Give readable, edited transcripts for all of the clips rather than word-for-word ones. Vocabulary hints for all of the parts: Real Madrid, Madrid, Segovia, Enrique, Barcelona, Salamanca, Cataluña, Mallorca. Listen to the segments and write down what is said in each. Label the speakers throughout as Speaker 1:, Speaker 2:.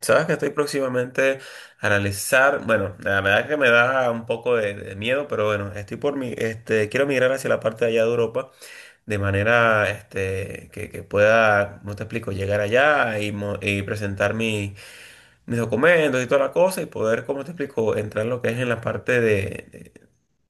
Speaker 1: Sabes que estoy próximamente a analizar, bueno, la verdad que me da un poco de miedo, pero bueno, estoy por mi, quiero migrar hacia la parte de allá de Europa, de manera, que pueda, no te explico, llegar allá y, y presentar mis documentos y toda la cosa y poder, como te explico, entrar en lo que es en la parte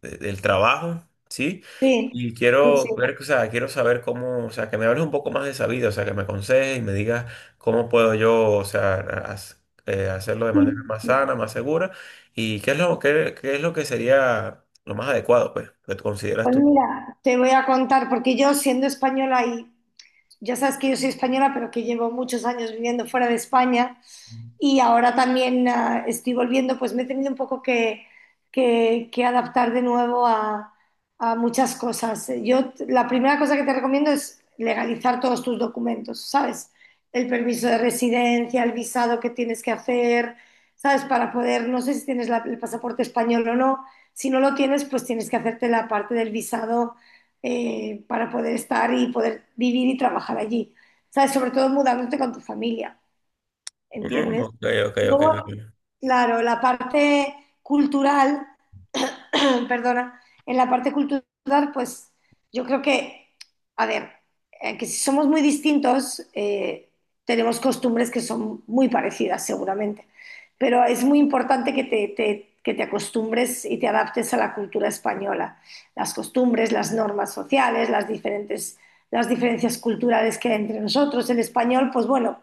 Speaker 1: del trabajo, ¿sí?
Speaker 2: Sí,
Speaker 1: Y quiero
Speaker 2: sí,
Speaker 1: ver, o sea, quiero saber cómo, o sea, que me hables un poco más de esa vida, o sea, que me aconsejes y me digas cómo puedo yo, o sea, hacerlo de manera
Speaker 2: sí.
Speaker 1: más sana, más segura y qué es lo, qué, qué es lo que sería lo más adecuado, pues, que tú consideras
Speaker 2: Pues
Speaker 1: tú.
Speaker 2: mira, te voy a contar, porque yo siendo española y ya sabes que yo soy española, pero que llevo muchos años viviendo fuera de España y ahora también estoy volviendo, pues me he tenido un poco que, que adaptar de nuevo a muchas cosas. La primera cosa que te recomiendo es legalizar todos tus documentos, ¿sabes? El permiso de residencia, el visado que tienes que hacer, ¿sabes? Para poder, no sé si tienes el pasaporte español o no. Si no lo tienes, pues tienes que hacerte la parte del visado para poder estar y poder vivir y trabajar allí. ¿Sabes? Sobre todo mudándote con tu familia,
Speaker 1: Mm,
Speaker 2: ¿entiendes?
Speaker 1: ok, ok, ok.
Speaker 2: Luego,
Speaker 1: Ok.
Speaker 2: claro, la parte cultural perdona, en la parte cultural, pues yo creo que, a ver, que si somos muy distintos, tenemos costumbres que son muy parecidas seguramente, pero es muy importante que te, que te acostumbres y te adaptes a la cultura española, las costumbres, las normas sociales, las diferentes, las diferencias culturales que hay entre nosotros. El español, pues bueno,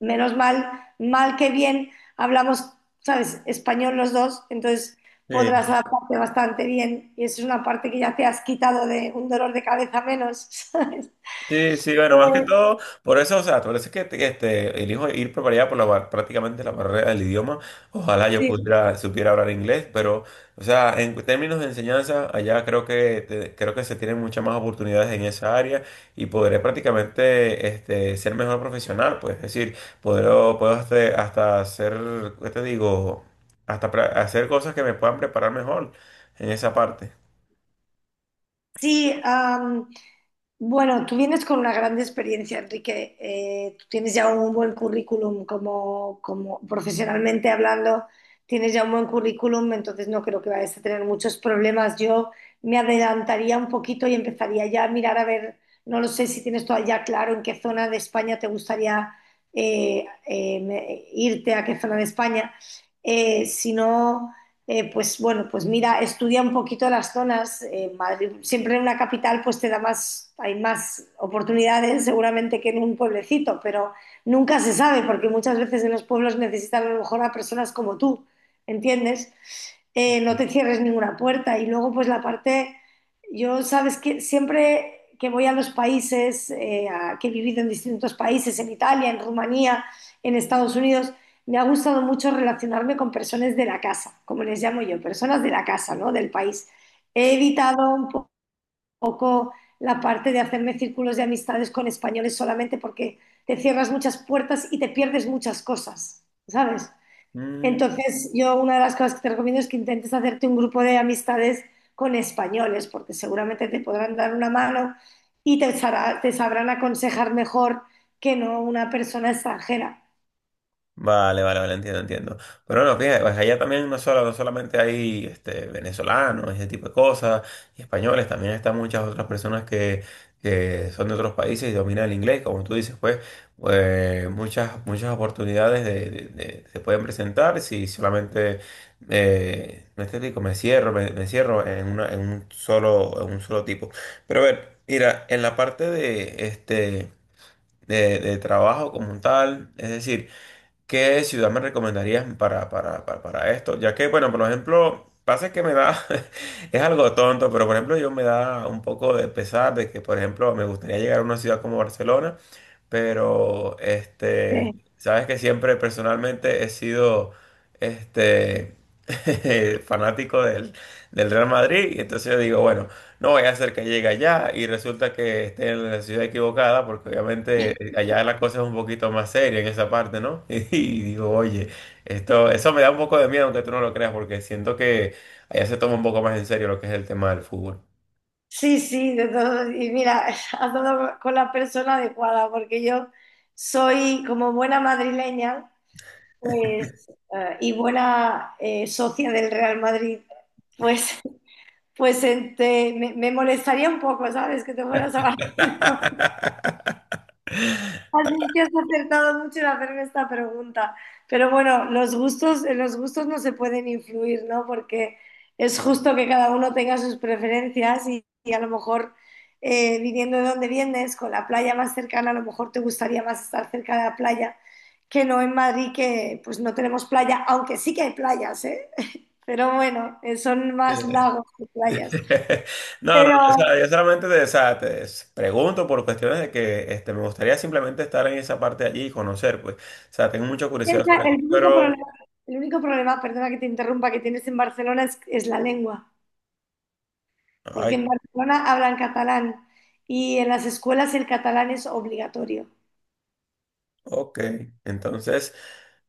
Speaker 2: menos mal, mal que bien, hablamos, ¿sabes?, español los dos, entonces podrás
Speaker 1: Sí.
Speaker 2: adaptarte bastante bien y eso es una parte que ya te has quitado de un dolor de cabeza menos, ¿sabes?
Speaker 1: Sí, sí, bueno, más que
Speaker 2: Eh,
Speaker 1: todo, por eso, o sea, por eso es que elijo ir por allá por la, prácticamente la barrera del idioma. Ojalá yo
Speaker 2: Sí,
Speaker 1: pudiera, supiera hablar inglés, pero, o sea, en términos de enseñanza, allá creo que, creo que se tienen muchas más oportunidades en esa área y podré prácticamente ser mejor profesional, pues, es decir, puedo hasta, hasta hacer, ¿qué te digo? Hacer cosas que me puedan preparar mejor en esa parte.
Speaker 2: sí, bueno, tú vienes con una gran experiencia, Enrique. Tú tienes ya un buen currículum como, como profesionalmente hablando, tienes ya un buen currículum, entonces no creo que vayas a tener muchos problemas. Yo me adelantaría un poquito y empezaría ya a mirar a ver, no lo sé si tienes todavía ya claro en qué zona de España te gustaría irte, a qué zona de España. Si no pues bueno, pues mira, estudia un poquito las zonas. Madrid, siempre en una capital pues te da más, hay más oportunidades seguramente que en un pueblecito, pero nunca se sabe porque muchas veces en los pueblos necesitan a lo mejor a personas como tú, ¿entiendes? No te cierres ninguna puerta. Y luego pues la parte, yo sabes que siempre que voy a los países, que he vivido en distintos países, en Italia, en Rumanía, en Estados Unidos, me ha gustado mucho relacionarme con personas de la casa, como les llamo yo, personas de la casa, ¿no? Del país. He evitado un poco la parte de hacerme círculos de amistades con españoles solamente porque te cierras muchas puertas y te pierdes muchas cosas, ¿sabes? Entonces, yo una de las cosas que te recomiendo es que intentes hacerte un grupo de amistades con españoles, porque seguramente te podrán dar una mano y te, te sabrán aconsejar mejor que no una persona extranjera.
Speaker 1: Vale, vale, vale, entiendo, entiendo. Pero bueno, fíjate, pues allá también no solamente hay este, venezolanos, ese tipo de cosas, y españoles, también están muchas otras personas que son de otros países y dominan el inglés, como tú dices, pues, pues muchas, muchas oportunidades se pueden presentar si solamente me explico, me cierro en una, en un solo tipo. Pero a ver, mira, en la parte de este de trabajo como tal, es decir, ¿qué ciudad me recomendarías para esto? Ya que, bueno, por ejemplo, pasa que me da, es algo tonto, pero por ejemplo, yo me da un poco de pesar de que, por ejemplo, me gustaría llegar a una ciudad como Barcelona, pero,
Speaker 2: ¿Eh?
Speaker 1: sabes que siempre personalmente he sido, este, fanático del, del Real Madrid, y entonces yo digo, bueno, no, ella cerca llega allá y resulta que esté en la ciudad equivocada, porque obviamente allá la cosa es un poquito más seria en esa parte, ¿no? Y, digo, oye, esto, eso me da un poco de miedo, aunque tú no lo creas, porque siento que allá se toma un poco más en serio lo que es el tema del fútbol.
Speaker 2: Sí, sí, de todo. Y mira, has dado con la persona adecuada, porque yo soy como buena madrileña, pues, y buena socia del Real Madrid, pues, pues me, me molestaría un poco, ¿sabes? Que te fueras a. Así es que has acertado mucho en hacerme esta pregunta. Pero bueno, los gustos, en los gustos no se pueden influir, ¿no? Porque es justo que cada uno tenga sus preferencias y a lo mejor viniendo de donde vienes, con la playa más cercana, a lo mejor te gustaría más estar cerca de la playa que no en Madrid, que pues no tenemos playa, aunque sí que hay playas, ¿eh? Pero bueno, son más lagos que playas.
Speaker 1: No, no, o sea,
Speaker 2: Pero
Speaker 1: yo solamente te, o sea, pregunto por cuestiones de que este, me gustaría simplemente estar en esa parte de allí y conocer, pues, o sea, tengo mucha curiosidad
Speaker 2: Piensa,
Speaker 1: sobre eso,
Speaker 2: el único
Speaker 1: pero...
Speaker 2: problema, el único problema, perdona que te interrumpa, que tienes en Barcelona es la lengua, porque en Barcelona hablan catalán y en las escuelas el catalán es obligatorio.
Speaker 1: Ok, entonces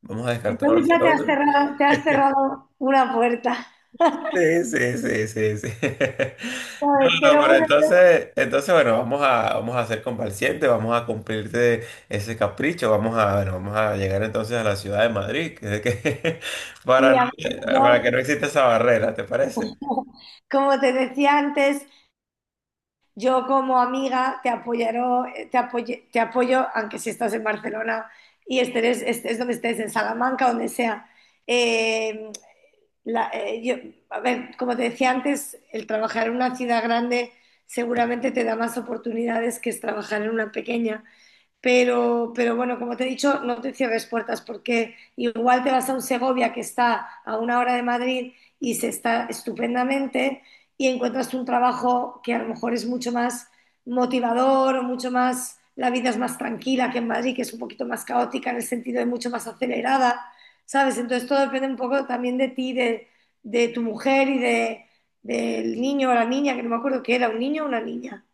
Speaker 1: vamos a descartar
Speaker 2: Entonces ya
Speaker 1: Barcelona.
Speaker 2: te has cerrado una puerta,
Speaker 1: Sí, sí, sí, sí, sí. No,
Speaker 2: ¿sabes?
Speaker 1: no,
Speaker 2: Pero
Speaker 1: pero
Speaker 2: bueno,
Speaker 1: entonces, bueno, vamos a ser complacientes, vamos a cumplirte ese capricho, vamos a, bueno, vamos a llegar entonces a la ciudad de Madrid, para
Speaker 2: sí,
Speaker 1: no,
Speaker 2: a ver,
Speaker 1: para que
Speaker 2: yo,
Speaker 1: no exista esa barrera, ¿te parece?
Speaker 2: como te decía antes, yo como amiga te apoyaré, te apoyo, aunque si estás en Barcelona y estés, estés donde estés, en Salamanca, donde sea. Eh, la- eh, yo, a ver, como te decía antes, el trabajar en una ciudad grande seguramente te da más oportunidades que es trabajar en una pequeña. Pero bueno, como te he dicho, no te cierres puertas porque igual te vas a un Segovia que está a una hora de Madrid y se está estupendamente y encuentras un trabajo que a lo mejor es mucho más motivador o mucho más, la vida es más tranquila que en Madrid, que es un poquito más caótica en el sentido de mucho más acelerada, ¿sabes? Entonces todo depende un poco también de ti, de tu mujer y de, del niño o la niña, que no me acuerdo que era, un niño o una niña.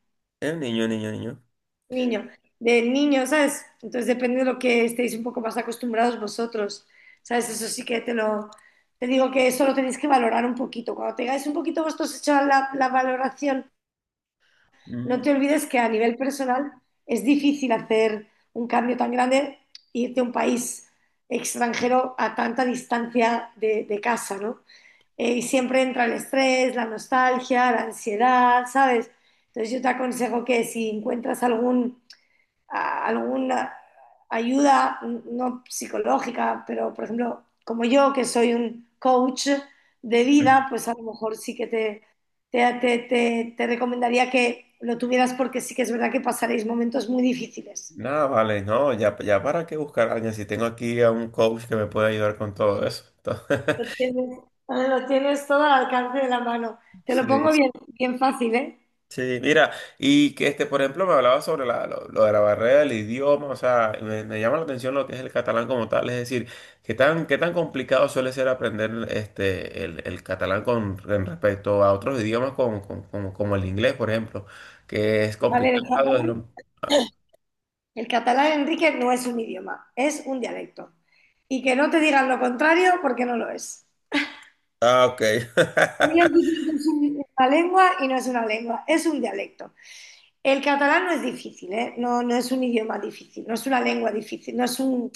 Speaker 1: El niño, niño, niño.
Speaker 2: Niño, del niño, ¿sabes? Entonces depende de lo que estéis un poco más acostumbrados vosotros, ¿sabes? Eso sí que te lo, te digo que eso lo tenéis que valorar un poquito. Cuando tengáis un poquito vosotros hecha la, la valoración, no
Speaker 1: Mm,
Speaker 2: te olvides que a nivel personal es difícil hacer un cambio tan grande, irte a un país extranjero a tanta distancia de casa, ¿no? Y siempre entra el estrés, la nostalgia, la ansiedad, ¿sabes? Entonces yo te aconsejo que si encuentras algún a alguna ayuda, no psicológica, pero por ejemplo, como yo que soy un coach de vida, pues a lo mejor sí que te, te recomendaría que lo tuvieras porque sí que es verdad que pasaréis momentos muy difíciles.
Speaker 1: nada, vale, no, ya, ya para qué buscar a alguien si tengo aquí a un coach que me puede ayudar con todo eso.
Speaker 2: Lo tienes, lo tienes todo al alcance de la mano. Te
Speaker 1: Sí.
Speaker 2: lo pongo bien, bien fácil, ¿eh?
Speaker 1: Sí, mira, y que este, por ejemplo, me hablaba sobre lo de la barrera del idioma, o sea, me llama la atención lo que es el catalán como tal, es decir, qué tan complicado suele ser aprender este, el catalán con, en respecto a otros idiomas como el inglés, por ejemplo, que es
Speaker 2: A ver,
Speaker 1: complicado.
Speaker 2: el catalán, Enrique, no es un idioma, es un dialecto. Y que no te digan lo contrario porque no lo es.
Speaker 1: Ah, ok.
Speaker 2: Ellos dicen que es una lengua y no es una lengua, es un dialecto. El catalán no es difícil, ¿eh? No, no es un idioma difícil, no es una lengua difícil, no es un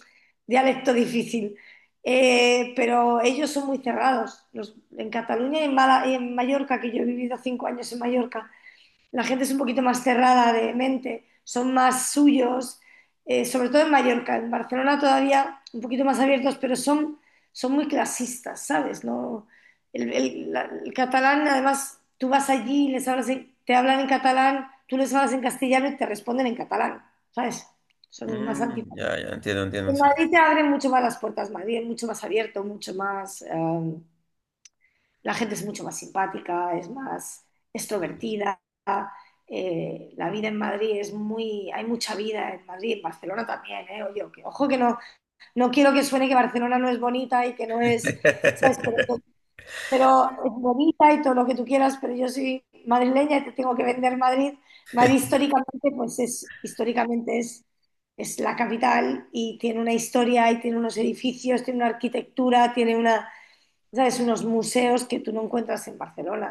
Speaker 2: dialecto difícil. Pero ellos son muy cerrados. En Cataluña y en, y en Mallorca, que yo he vivido 5 años en Mallorca, la gente es un poquito más cerrada de mente, son más suyos, sobre todo en Mallorca, en Barcelona todavía un poquito más abiertos, pero son, son muy clasistas, ¿sabes? No, el catalán, además, tú vas allí y te hablan en catalán, tú les hablas en castellano y te responden en catalán, ¿sabes? Son más
Speaker 1: Mm,
Speaker 2: antipáticos.
Speaker 1: ya, ya, entiendo, entiendo.
Speaker 2: En Madrid te abren mucho más las puertas, Madrid es mucho más abierto, mucho más, la gente es mucho más simpática, es más extrovertida la vida en Madrid es muy, hay mucha vida en Madrid, en Barcelona también, ¿eh? Oye, ojo que no, no quiero que suene que Barcelona no es bonita y que no es, ¿sabes? Pero, pero es bonita y todo lo que tú quieras, pero yo soy madrileña y te tengo que vender Madrid. Madrid históricamente, pues es, históricamente es la capital y tiene una historia y tiene unos edificios, tiene una arquitectura, tiene una, ¿sabes? Unos museos que tú no encuentras en Barcelona,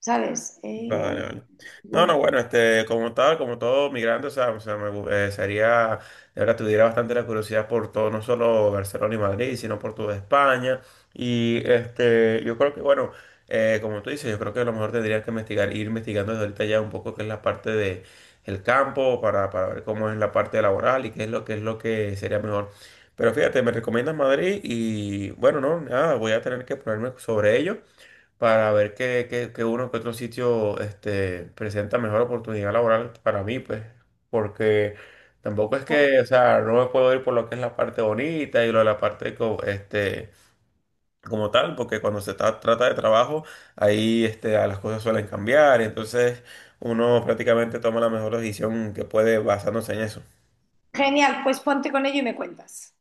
Speaker 2: ¿sabes?
Speaker 1: Vale, vale. No,
Speaker 2: Bueno.
Speaker 1: no, bueno, este, como tal, como todo migrante, o sea, sería, de verdad, tuviera bastante la curiosidad por todo, no solo Barcelona y Madrid, sino por toda España. Y este, yo creo que, bueno, como tú dices, yo creo que a lo mejor tendrías que investigar, ir investigando desde ahorita ya un poco qué es la parte de el campo para ver cómo es la parte laboral y qué es lo que sería mejor. Pero fíjate, me recomiendas Madrid y bueno, no, nada, voy a tener que ponerme sobre ello para ver qué uno que otro sitio este, presenta mejor oportunidad laboral para mí, pues, porque tampoco es que, o sea, no me puedo ir por lo que es la parte bonita y lo de la parte este, como tal, porque cuando trata de trabajo, ahí este, a las cosas suelen cambiar, entonces uno prácticamente toma la mejor decisión que puede basándose en eso.
Speaker 2: Genial, pues ponte con ello y me cuentas.